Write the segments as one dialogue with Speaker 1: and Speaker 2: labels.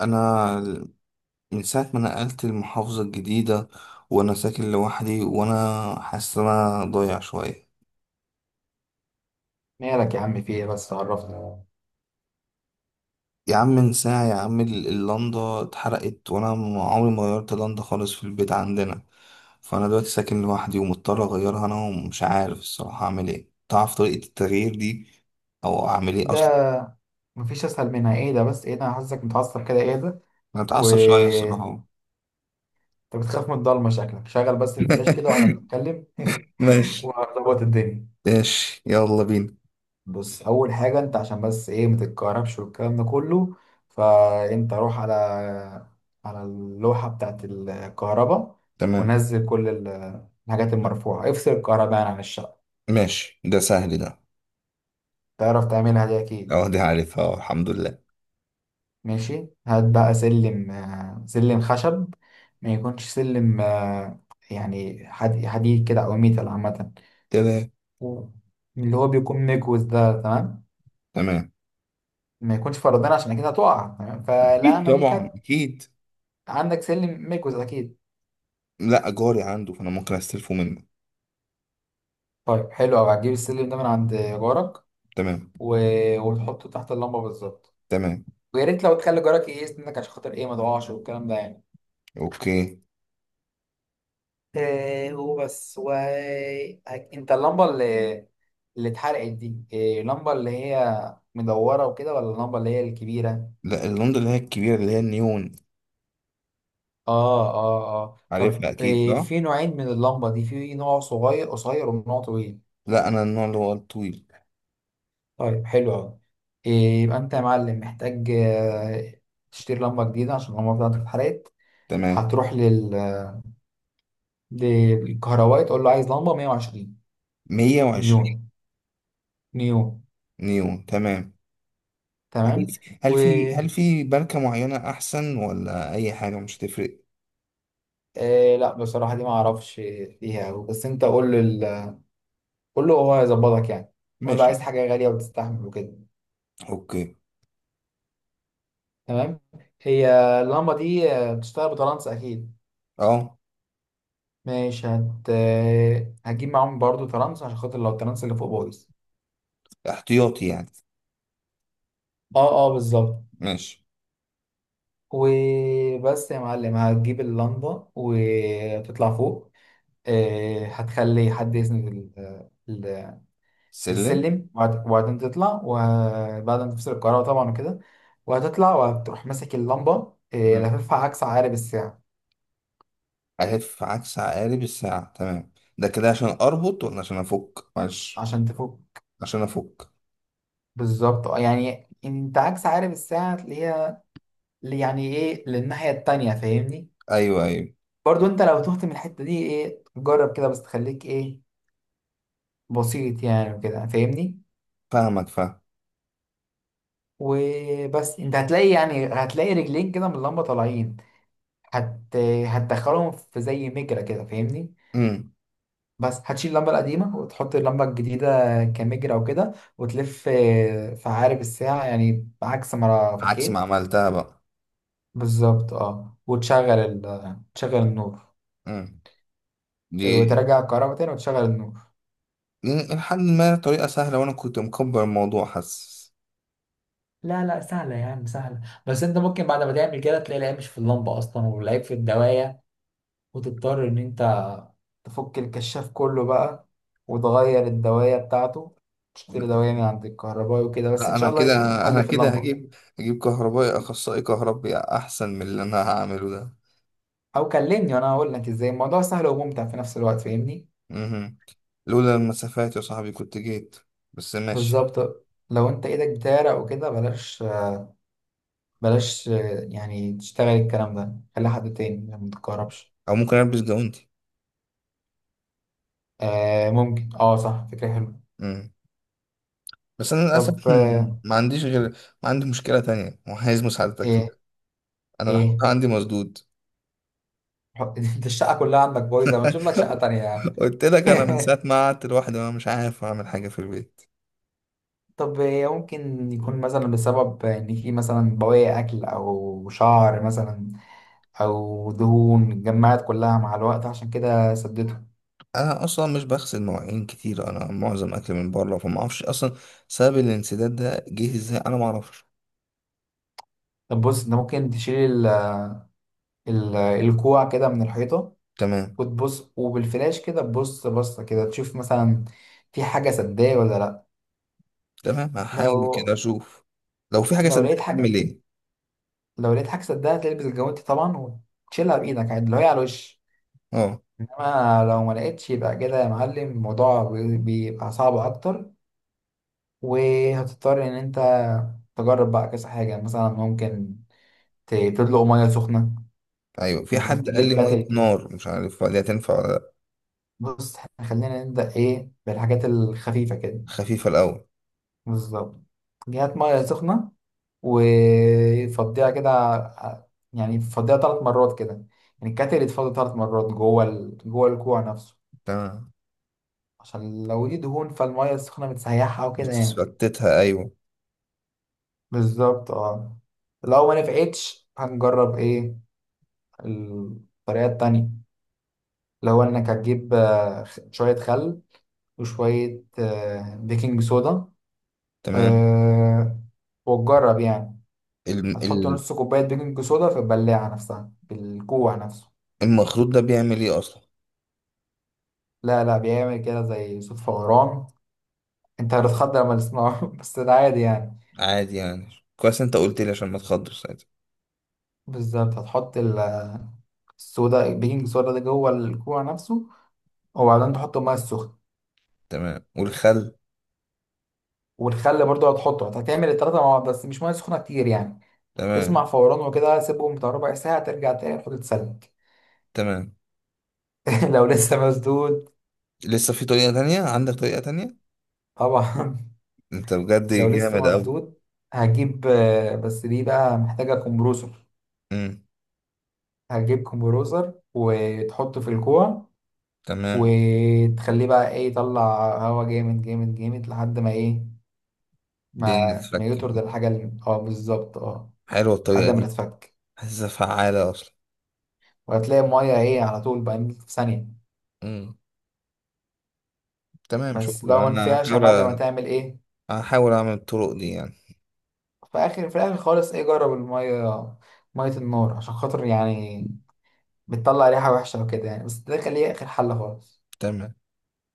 Speaker 1: انا من ساعه ما نقلت المحافظه الجديده، وانا ساكن لوحدي وانا حاسس ان انا ضايع شويه.
Speaker 2: مالك يا عم، في ايه؟ بس عرفني.
Speaker 1: يا عم من ساعه يا عم اللندا اتحرقت، وانا عمري ما غيرت لندا خالص في البيت عندنا. فانا دلوقتي ساكن لوحدي ومضطر اغيرها انا، ومش عارف الصراحه اعمل ايه. تعرف طريقه التغيير دي او اعمل ايه اصلا؟
Speaker 2: ده مفيش اسهل منها، ايه ده؟ بس ايه ده، انا حاسسك متعصب كده، ايه ده؟
Speaker 1: انا
Speaker 2: و
Speaker 1: اتعصب شويه
Speaker 2: انت
Speaker 1: الصراحه.
Speaker 2: بتخاف من الضلمه؟ شكلك شغل بس الفلاش كده واحنا بنتكلم.
Speaker 1: ماشي.
Speaker 2: وهنظبط الدنيا.
Speaker 1: ماشي يلا بينا.
Speaker 2: بص، اول حاجه انت عشان بس ايه ما تتكهربش والكلام ده كله، فانت روح على اللوحه بتاعت الكهرباء،
Speaker 1: تمام.
Speaker 2: ونزل كل الحاجات المرفوعه، افصل الكهرباء يعني عن الشقه.
Speaker 1: ماشي ده سهل ده.
Speaker 2: تعرف تعملها دي اكيد.
Speaker 1: اه دي عارفها الحمد لله.
Speaker 2: ماشي، هات بقى سلم، سلم خشب، ما يكونش سلم، يعني حديد كده او ميتال عامه.
Speaker 1: تمام.
Speaker 2: و- اللي هو بيكون مكوز ده، تمام.
Speaker 1: تمام.
Speaker 2: ما يكونش فرضان عشان اكيد هتقع، تمام فلا
Speaker 1: اكيد
Speaker 2: ملي
Speaker 1: طبعا
Speaker 2: كانت.
Speaker 1: اكيد.
Speaker 2: عندك سلم مكوز اكيد؟
Speaker 1: لا جاري عنده فانا ممكن استلفه منه.
Speaker 2: طيب حلو قوي، هتجيب السلم ده من عند جارك
Speaker 1: تمام.
Speaker 2: و... وتحطه تحت اللمبه بالظبط.
Speaker 1: تمام.
Speaker 2: ويا ريت لو تخلي جارك ايه يسندك عشان خاطر ايه ما تقعش والكلام ده يعني.
Speaker 1: اوكي.
Speaker 2: إيه هو بس و انت اللمبه اللي اتحرقت دي، إيه؟ اللمبه اللي هي مدوره وكده، ولا اللمبه اللي هي الكبيره؟
Speaker 1: لا اللندا اللي هي الكبيره اللي هي النيون.
Speaker 2: اه
Speaker 1: عارفها
Speaker 2: طب
Speaker 1: اكيد
Speaker 2: إيه،
Speaker 1: صح.
Speaker 2: في نوعين من اللمبة دي، في نوع صغير قصير ونوع طويل.
Speaker 1: لا انا النوع اللي هو الطويل.
Speaker 2: طيب حلو أوي. إيه، يبقى أنت يا معلم محتاج، تشتري لمبة جديدة عشان اللمبة بتاعتك اتحرقت.
Speaker 1: تمام.
Speaker 2: هتروح للكهربائي تقول له عايز لمبة 120
Speaker 1: 120.
Speaker 2: نيون. نيون،
Speaker 1: نيون. تمام. هل
Speaker 2: تمام.
Speaker 1: هل
Speaker 2: و
Speaker 1: في هل في ماركه معينه احسن ولا اي حاجه مش هتفرق؟
Speaker 2: لا بصراحة دي ما أعرفش فيها أوي، بس أنت قول له قول له هو هيظبطك يعني. قول له عايز
Speaker 1: ماشي.
Speaker 2: حاجة غالية وتستحمل وكده.
Speaker 1: اوكي.
Speaker 2: تمام. هي اللمبة دي بتشتغل بترانس أكيد.
Speaker 1: اه.
Speaker 2: ماشي، هجيب معاهم برضو ترانس عشان خاطر لو الترانس اللي فوق بايظ.
Speaker 1: احتياطي يعني.
Speaker 2: اه بالظبط.
Speaker 1: ماشي.
Speaker 2: وبس يا معلم، هتجيب اللمبة وتطلع فوق، هتخلي حد يسند
Speaker 1: سلم.
Speaker 2: السلم، وبعدين تطلع، وبعد ما تفصل الكهرباء طبعا وكده، وهتطلع وهتروح ماسك اللمبة، لففها عكس عقارب الساعة،
Speaker 1: ألف عكس عقارب الساعة تمام. ده كده عشان أربط ولا عشان أفك؟ معلش.
Speaker 2: عشان تفوق.
Speaker 1: عشان أفك.
Speaker 2: بالظبط يعني انت عكس عقارب الساعة تلاقيها، يعني ايه للناحية التانية، فاهمني؟
Speaker 1: أيوه أيوه.
Speaker 2: برضو انت لو تهت من الحتة دي ايه جرب كده بس تخليك ايه بسيط يعني وكده، فاهمني؟
Speaker 1: فاهمك فاهم.
Speaker 2: وبس انت هتلاقي، يعني هتلاقي رجلين كده من اللمبة طالعين. هت... هتدخلهم في زي مجرى كده، فاهمني؟
Speaker 1: امم
Speaker 2: بس هتشيل اللمبة القديمة وتحط اللمبة الجديدة كمجرى وكده، وتلف في عقارب الساعة، يعني عكس ما
Speaker 1: عكس ما
Speaker 2: فكيت.
Speaker 1: عملتها بقى.
Speaker 2: بالظبط اه. وتشغل تشغل النور،
Speaker 1: امم دي.
Speaker 2: وترجع الكهرباء تاني وتشغل النور.
Speaker 1: دي لحد ما طريقة سهلة، وأنا كنت مكبر الموضوع حاسس.
Speaker 2: لا لا، سهلة يا عم، سهلة. بس انت ممكن بعد ما تعمل كده تلاقي العيب مش في اللمبة اصلا والعيب في الدواية، وتضطر ان انت تفك الكشاف كله بقى، وتغير الدواية بتاعته، تشتري دواية من عند الكهربائي وكده، بس إن
Speaker 1: لا
Speaker 2: شاء
Speaker 1: أنا
Speaker 2: الله
Speaker 1: كده.
Speaker 2: يكون
Speaker 1: أنا
Speaker 2: حل في
Speaker 1: كده
Speaker 2: اللمبة.
Speaker 1: هجيب هجيب كهربائي أخصائي كهربي، أحسن من اللي أنا هعمله ده.
Speaker 2: أو كلمني وأنا هقول لك إزاي الموضوع سهل وممتع في نفس الوقت، فاهمني؟
Speaker 1: امم. لولا المسافات يا صاحبي كنت جيت، بس ماشي.
Speaker 2: بالظبط. لو أنت إيدك بتعرق وكده بلاش، بلاش يعني تشتغل الكلام ده، خلي حد تاني عشان ما تتكهربش.
Speaker 1: أو ممكن ألبس جوانتي.
Speaker 2: آه ممكن، اه صح، فكرة حلوة.
Speaker 1: بس انا للاسف
Speaker 2: طب
Speaker 1: ما عنديش غير. ما عندي مشكله تانية وعايز مساعدتك فيها.
Speaker 2: إيه؟
Speaker 1: انا
Speaker 2: ايه
Speaker 1: الحقيقه عندي مسدود.
Speaker 2: انت الشقه كلها عندك بايظه، ما تشوف لك شقه تانية يا عم؟
Speaker 1: قلت لك انا من ساعه ما قعدت لوحدي وانا مش عارف اعمل حاجه في البيت.
Speaker 2: طب هي ممكن يكون مثلا بسبب ان في مثلا بواقي اكل او شعر مثلا، او دهون اتجمعت كلها مع الوقت عشان كده سدته.
Speaker 1: انا اصلا مش بغسل مواعين كتير، انا معظم اكل من بره، فما اعرفش اصلا سبب الانسداد ده جه ازاي، انا ما اعرفش.
Speaker 2: طب بص انت ممكن تشيل ال... الكوع كده من الحيطه،
Speaker 1: تمام.
Speaker 2: وتبص وبالفلاش كده تبص بصه كده، تشوف مثلا في حاجه سداه ولا لا.
Speaker 1: تمام هحاول كده
Speaker 2: لو
Speaker 1: اشوف. لو في حاجه
Speaker 2: لو لقيت
Speaker 1: صدقني اعمل
Speaker 2: حاجه،
Speaker 1: ايه؟
Speaker 2: لو لقيت حاجه سداها، تلبس الجوانتي طبعا وتشيلها بايدك عادي لو هي على الوش.
Speaker 1: اه.
Speaker 2: انما لو ما لقيتش يبقى كده يا معلم الموضوع بيبقى صعب اكتر، وهتضطر ان انت تجرب بقى كذا حاجه، مثلا ممكن تدلق ميه سخنه،
Speaker 1: ايوه في
Speaker 2: انك
Speaker 1: حد قال
Speaker 2: تجيب
Speaker 1: لي
Speaker 2: كاتل
Speaker 1: ميه
Speaker 2: كده.
Speaker 1: نار، مش عارف دي هتنفع ولا لأ.
Speaker 2: بص إحنا خلينا نبدا ايه بالحاجات الخفيفه كده.
Speaker 1: خفيفه الاول.
Speaker 2: بالظبط. جهات ميه سخنه، وفضيها كده يعني فضيها ثلاث مرات كده، يعني الكاتل يتفضى ثلاث مرات جوه جوه الكوع نفسه،
Speaker 1: تمام.
Speaker 2: عشان لو دي دهون فالميه السخنه بتسيحها وكده يعني.
Speaker 1: بتثبتها ايوه.
Speaker 2: بالظبط اه. لو ما نفعتش هنجرب ايه الطريقة التانية، لو انك هتجيب شوية خل وشوية بيكنج صودا،
Speaker 1: تمام.
Speaker 2: آه، وتجرب يعني.
Speaker 1: ال-
Speaker 2: هتحط
Speaker 1: ال-
Speaker 2: نص كوباية بيكنج صودا في البلاعة نفسها في الكوع نفسه.
Speaker 1: المخروط ده بيعمل ايه اصلا؟
Speaker 2: لا لا، بيعمل كده زي صوت فوران، انت هتتخض لما تسمعه بس ده عادي يعني.
Speaker 1: عادي يعني. كويس انت قلت لي عشان ما تخضش ساعتها.
Speaker 2: بالظبط، هتحط الصودا، البيكنج صودا ده جوه الكوع نفسه، وبعدين تحط ميه سخنة.
Speaker 1: تمام والخل.
Speaker 2: والخل برضه هتحطه، هتعمل التلاتة مع بعض بس مش مية سخنة كتير يعني. تسمع
Speaker 1: تمام.
Speaker 2: فوران وكده، سيبهم بتاع ربع ساعة، ترجع تاني تحط تسلق.
Speaker 1: تمام.
Speaker 2: لو لسه مسدود،
Speaker 1: لسه في طريقة تانية؟ عندك طريقة تانية؟
Speaker 2: طبعا.
Speaker 1: انت بجد
Speaker 2: لو
Speaker 1: جامد
Speaker 2: لسه
Speaker 1: اوي.
Speaker 2: مسدود، هجيب بس دي بقى محتاجة كومبروسر.
Speaker 1: امم.
Speaker 2: هتجيب كومبروسر وتحطه في الكوع،
Speaker 1: تمام.
Speaker 2: وتخليه بقى ايه يطلع هوا جامد جامد جامد لحد ما ايه،
Speaker 1: الدنيا
Speaker 2: ما
Speaker 1: تتفك
Speaker 2: يطرد
Speaker 1: كده.
Speaker 2: الحاجة اللي اه، بالظبط اه.
Speaker 1: حلوة
Speaker 2: لحد
Speaker 1: الطريقة
Speaker 2: ما
Speaker 1: دي.
Speaker 2: تتفك،
Speaker 1: حاسسها فعالة اصلا.
Speaker 2: وهتلاقي المية ايه على طول بقى في ثانية.
Speaker 1: امم. تمام
Speaker 2: بس
Speaker 1: شكرا.
Speaker 2: لو ما نفعش يا معلم هتعمل ايه؟
Speaker 1: هحاول اعمل الطرق دي يعني.
Speaker 2: في الاخر خالص، ايه جرب الميه، ميه النار عشان خاطر يعني بتطلع ريحه وحشه وكده يعني، بس ده خليه اخر حل خالص.
Speaker 1: تمام.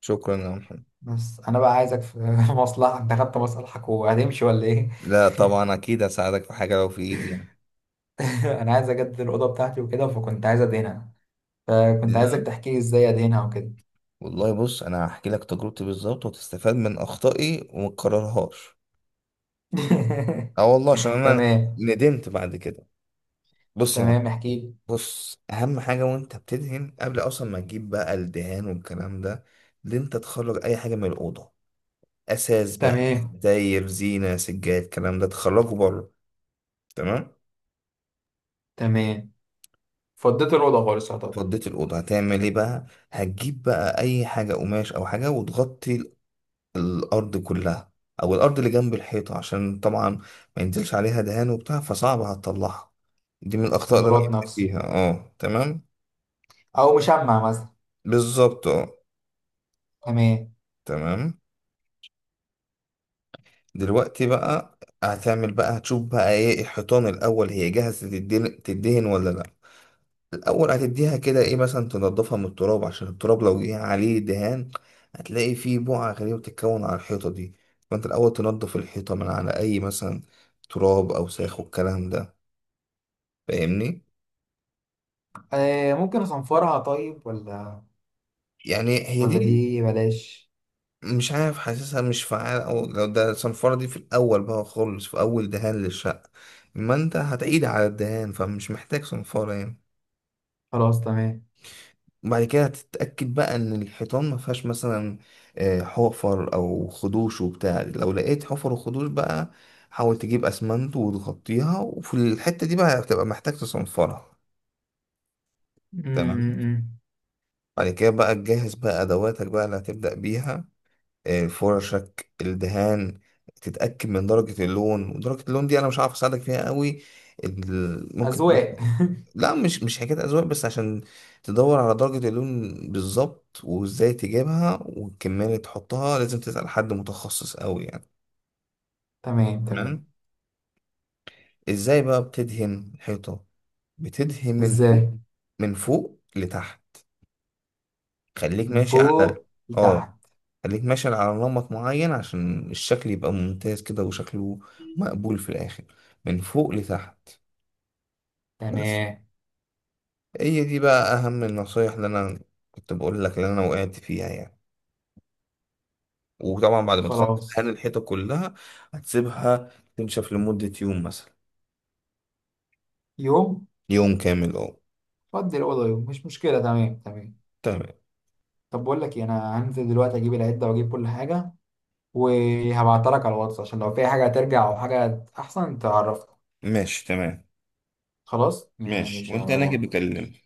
Speaker 1: شكرا يا محمد.
Speaker 2: بس انا بقى عايزك في مصلحه، انت خدت مصلحك وهتمشي ولا ايه؟
Speaker 1: لا طبعا اكيد هساعدك في حاجة لو في ايدي يعني.
Speaker 2: انا عايز اجدد الاوضه بتاعتي وكده، فكنت عايز ادهنها، فكنت عايزك
Speaker 1: تمام
Speaker 2: تحكي لي ازاي ادهنها وكده.
Speaker 1: والله. بص انا هحكي لك تجربتي بالظبط، وتستفاد من اخطائي وما تكررهاش. اه والله عشان انا
Speaker 2: تمام
Speaker 1: ندمت بعد كده. بص يا
Speaker 2: تمام،
Speaker 1: معلم.
Speaker 2: احكي لي.
Speaker 1: بص اهم حاجه وانت بتدهن، قبل اصلا ما تجيب بقى الدهان والكلام ده، ان انت تخرج اي حاجه من الاوضه. اساس بقى
Speaker 2: تمام
Speaker 1: داير زينه سجاد الكلام ده تخرجه بره. تمام.
Speaker 2: تمام، فضيت الاوضه خالص يعتبر.
Speaker 1: فضيت الاوضه هتعمل ايه بقى؟ هتجيب بقى اي حاجه قماش او حاجه وتغطي الأرض كلها، أو الأرض اللي جنب الحيطة عشان طبعا ما ينزلش عليها دهان وبتاع فصعب هتطلعها. دي من الأخطاء اللي أنا
Speaker 2: البلاط
Speaker 1: وقعت
Speaker 2: نفسه
Speaker 1: فيها. اه تمام.
Speaker 2: او مشمع مثلا.
Speaker 1: بالظبط اه.
Speaker 2: تمام.
Speaker 1: تمام. دلوقتي بقى هتعمل بقى، هتشوف بقى ايه الحيطان الأول هي جاهزة تدهن تدهن ولا لأ. الأول هتديها كده ايه مثلا، تنضفها من التراب، عشان التراب لو جه عليه دهان هتلاقي فيه بقع غريبة بتتكون على الحيطة دي. فأنت الأول تنضف الحيطة من على أي مثلا تراب أوساخ والكلام ده، فاهمني؟
Speaker 2: آه ممكن اصنفرها، طيب ولا،
Speaker 1: يعني هي
Speaker 2: ولا
Speaker 1: دي.
Speaker 2: دي بلاش؟
Speaker 1: مش عارف حاسسها مش فعالة، أو لو ده صنفرة دي في الأول بقى خالص في أول دهان للشقة، ما أنت هتعيد على الدهان فمش محتاج صنفرة يعني.
Speaker 2: خلاص تمام.
Speaker 1: وبعد كده هتتأكد بقى إن الحيطان ما فيهاش مثلا حفر أو خدوش وبتاع. لو لقيت حفر وخدوش بقى، حاول تجيب أسمنت وتغطيها، وفي الحتة دي بقى هتبقى محتاج تصنفرها.
Speaker 2: م-
Speaker 1: تمام.
Speaker 2: م- م.
Speaker 1: بعد كده بقى تجهز بقى أدواتك بقى اللي هتبدأ بيها، فرشك، الدهان. تتأكد من درجة اللون، ودرجة اللون دي أنا مش عارف أساعدك فيها قوي. ال- ممكن
Speaker 2: اذواق.
Speaker 1: تدخل- لا مش حكاية أذواق، بس عشان تدور على درجة اللون بالظبط وإزاي تجيبها والكمية اللي تحطها لازم تسأل حد متخصص قوي يعني.
Speaker 2: تمام تمام.
Speaker 1: تمام. إزاي بقى بتدهن الحيطة؟ بتدهن من فوق.
Speaker 2: ازاي؟
Speaker 1: من فوق لتحت. خليك
Speaker 2: من
Speaker 1: ماشي على
Speaker 2: فوق
Speaker 1: اه،
Speaker 2: لتحت.
Speaker 1: خليك ماشي على نمط معين، عشان الشكل يبقى ممتاز كده، وشكله مقبول في الآخر. من فوق لتحت بس.
Speaker 2: تمام.
Speaker 1: هي دي بقى أهم النصايح اللي أنا كنت بقول لك، اللي أنا وقعت فيها يعني. وطبعا بعد ما تخلص دهان
Speaker 2: خلاص.
Speaker 1: الحيطة كلها، هتسيبها تنشف لمدة يوم مثلا.
Speaker 2: يوم.
Speaker 1: يوم كامل أه.
Speaker 2: فضي الاوضه يوم، مش مشكله، تمام تمام.
Speaker 1: تمام.
Speaker 2: طب بقول لك إيه، انا هنزل دلوقتي اجيب العده واجيب كل حاجه، وهبعتها لك على الواتس عشان لو في حاجه هترجع او حاجه احسن تعرفني.
Speaker 1: ماشي. تمام.
Speaker 2: خلاص
Speaker 1: ماشي
Speaker 2: ماشي يا
Speaker 1: وأنت هناك
Speaker 2: مروان، ماشي.
Speaker 1: بكلمني.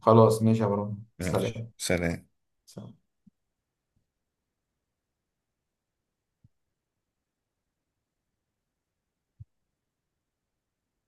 Speaker 2: خلاص ماشي يا مروان،
Speaker 1: ماشي
Speaker 2: سلام.
Speaker 1: سلام.
Speaker 2: سلام.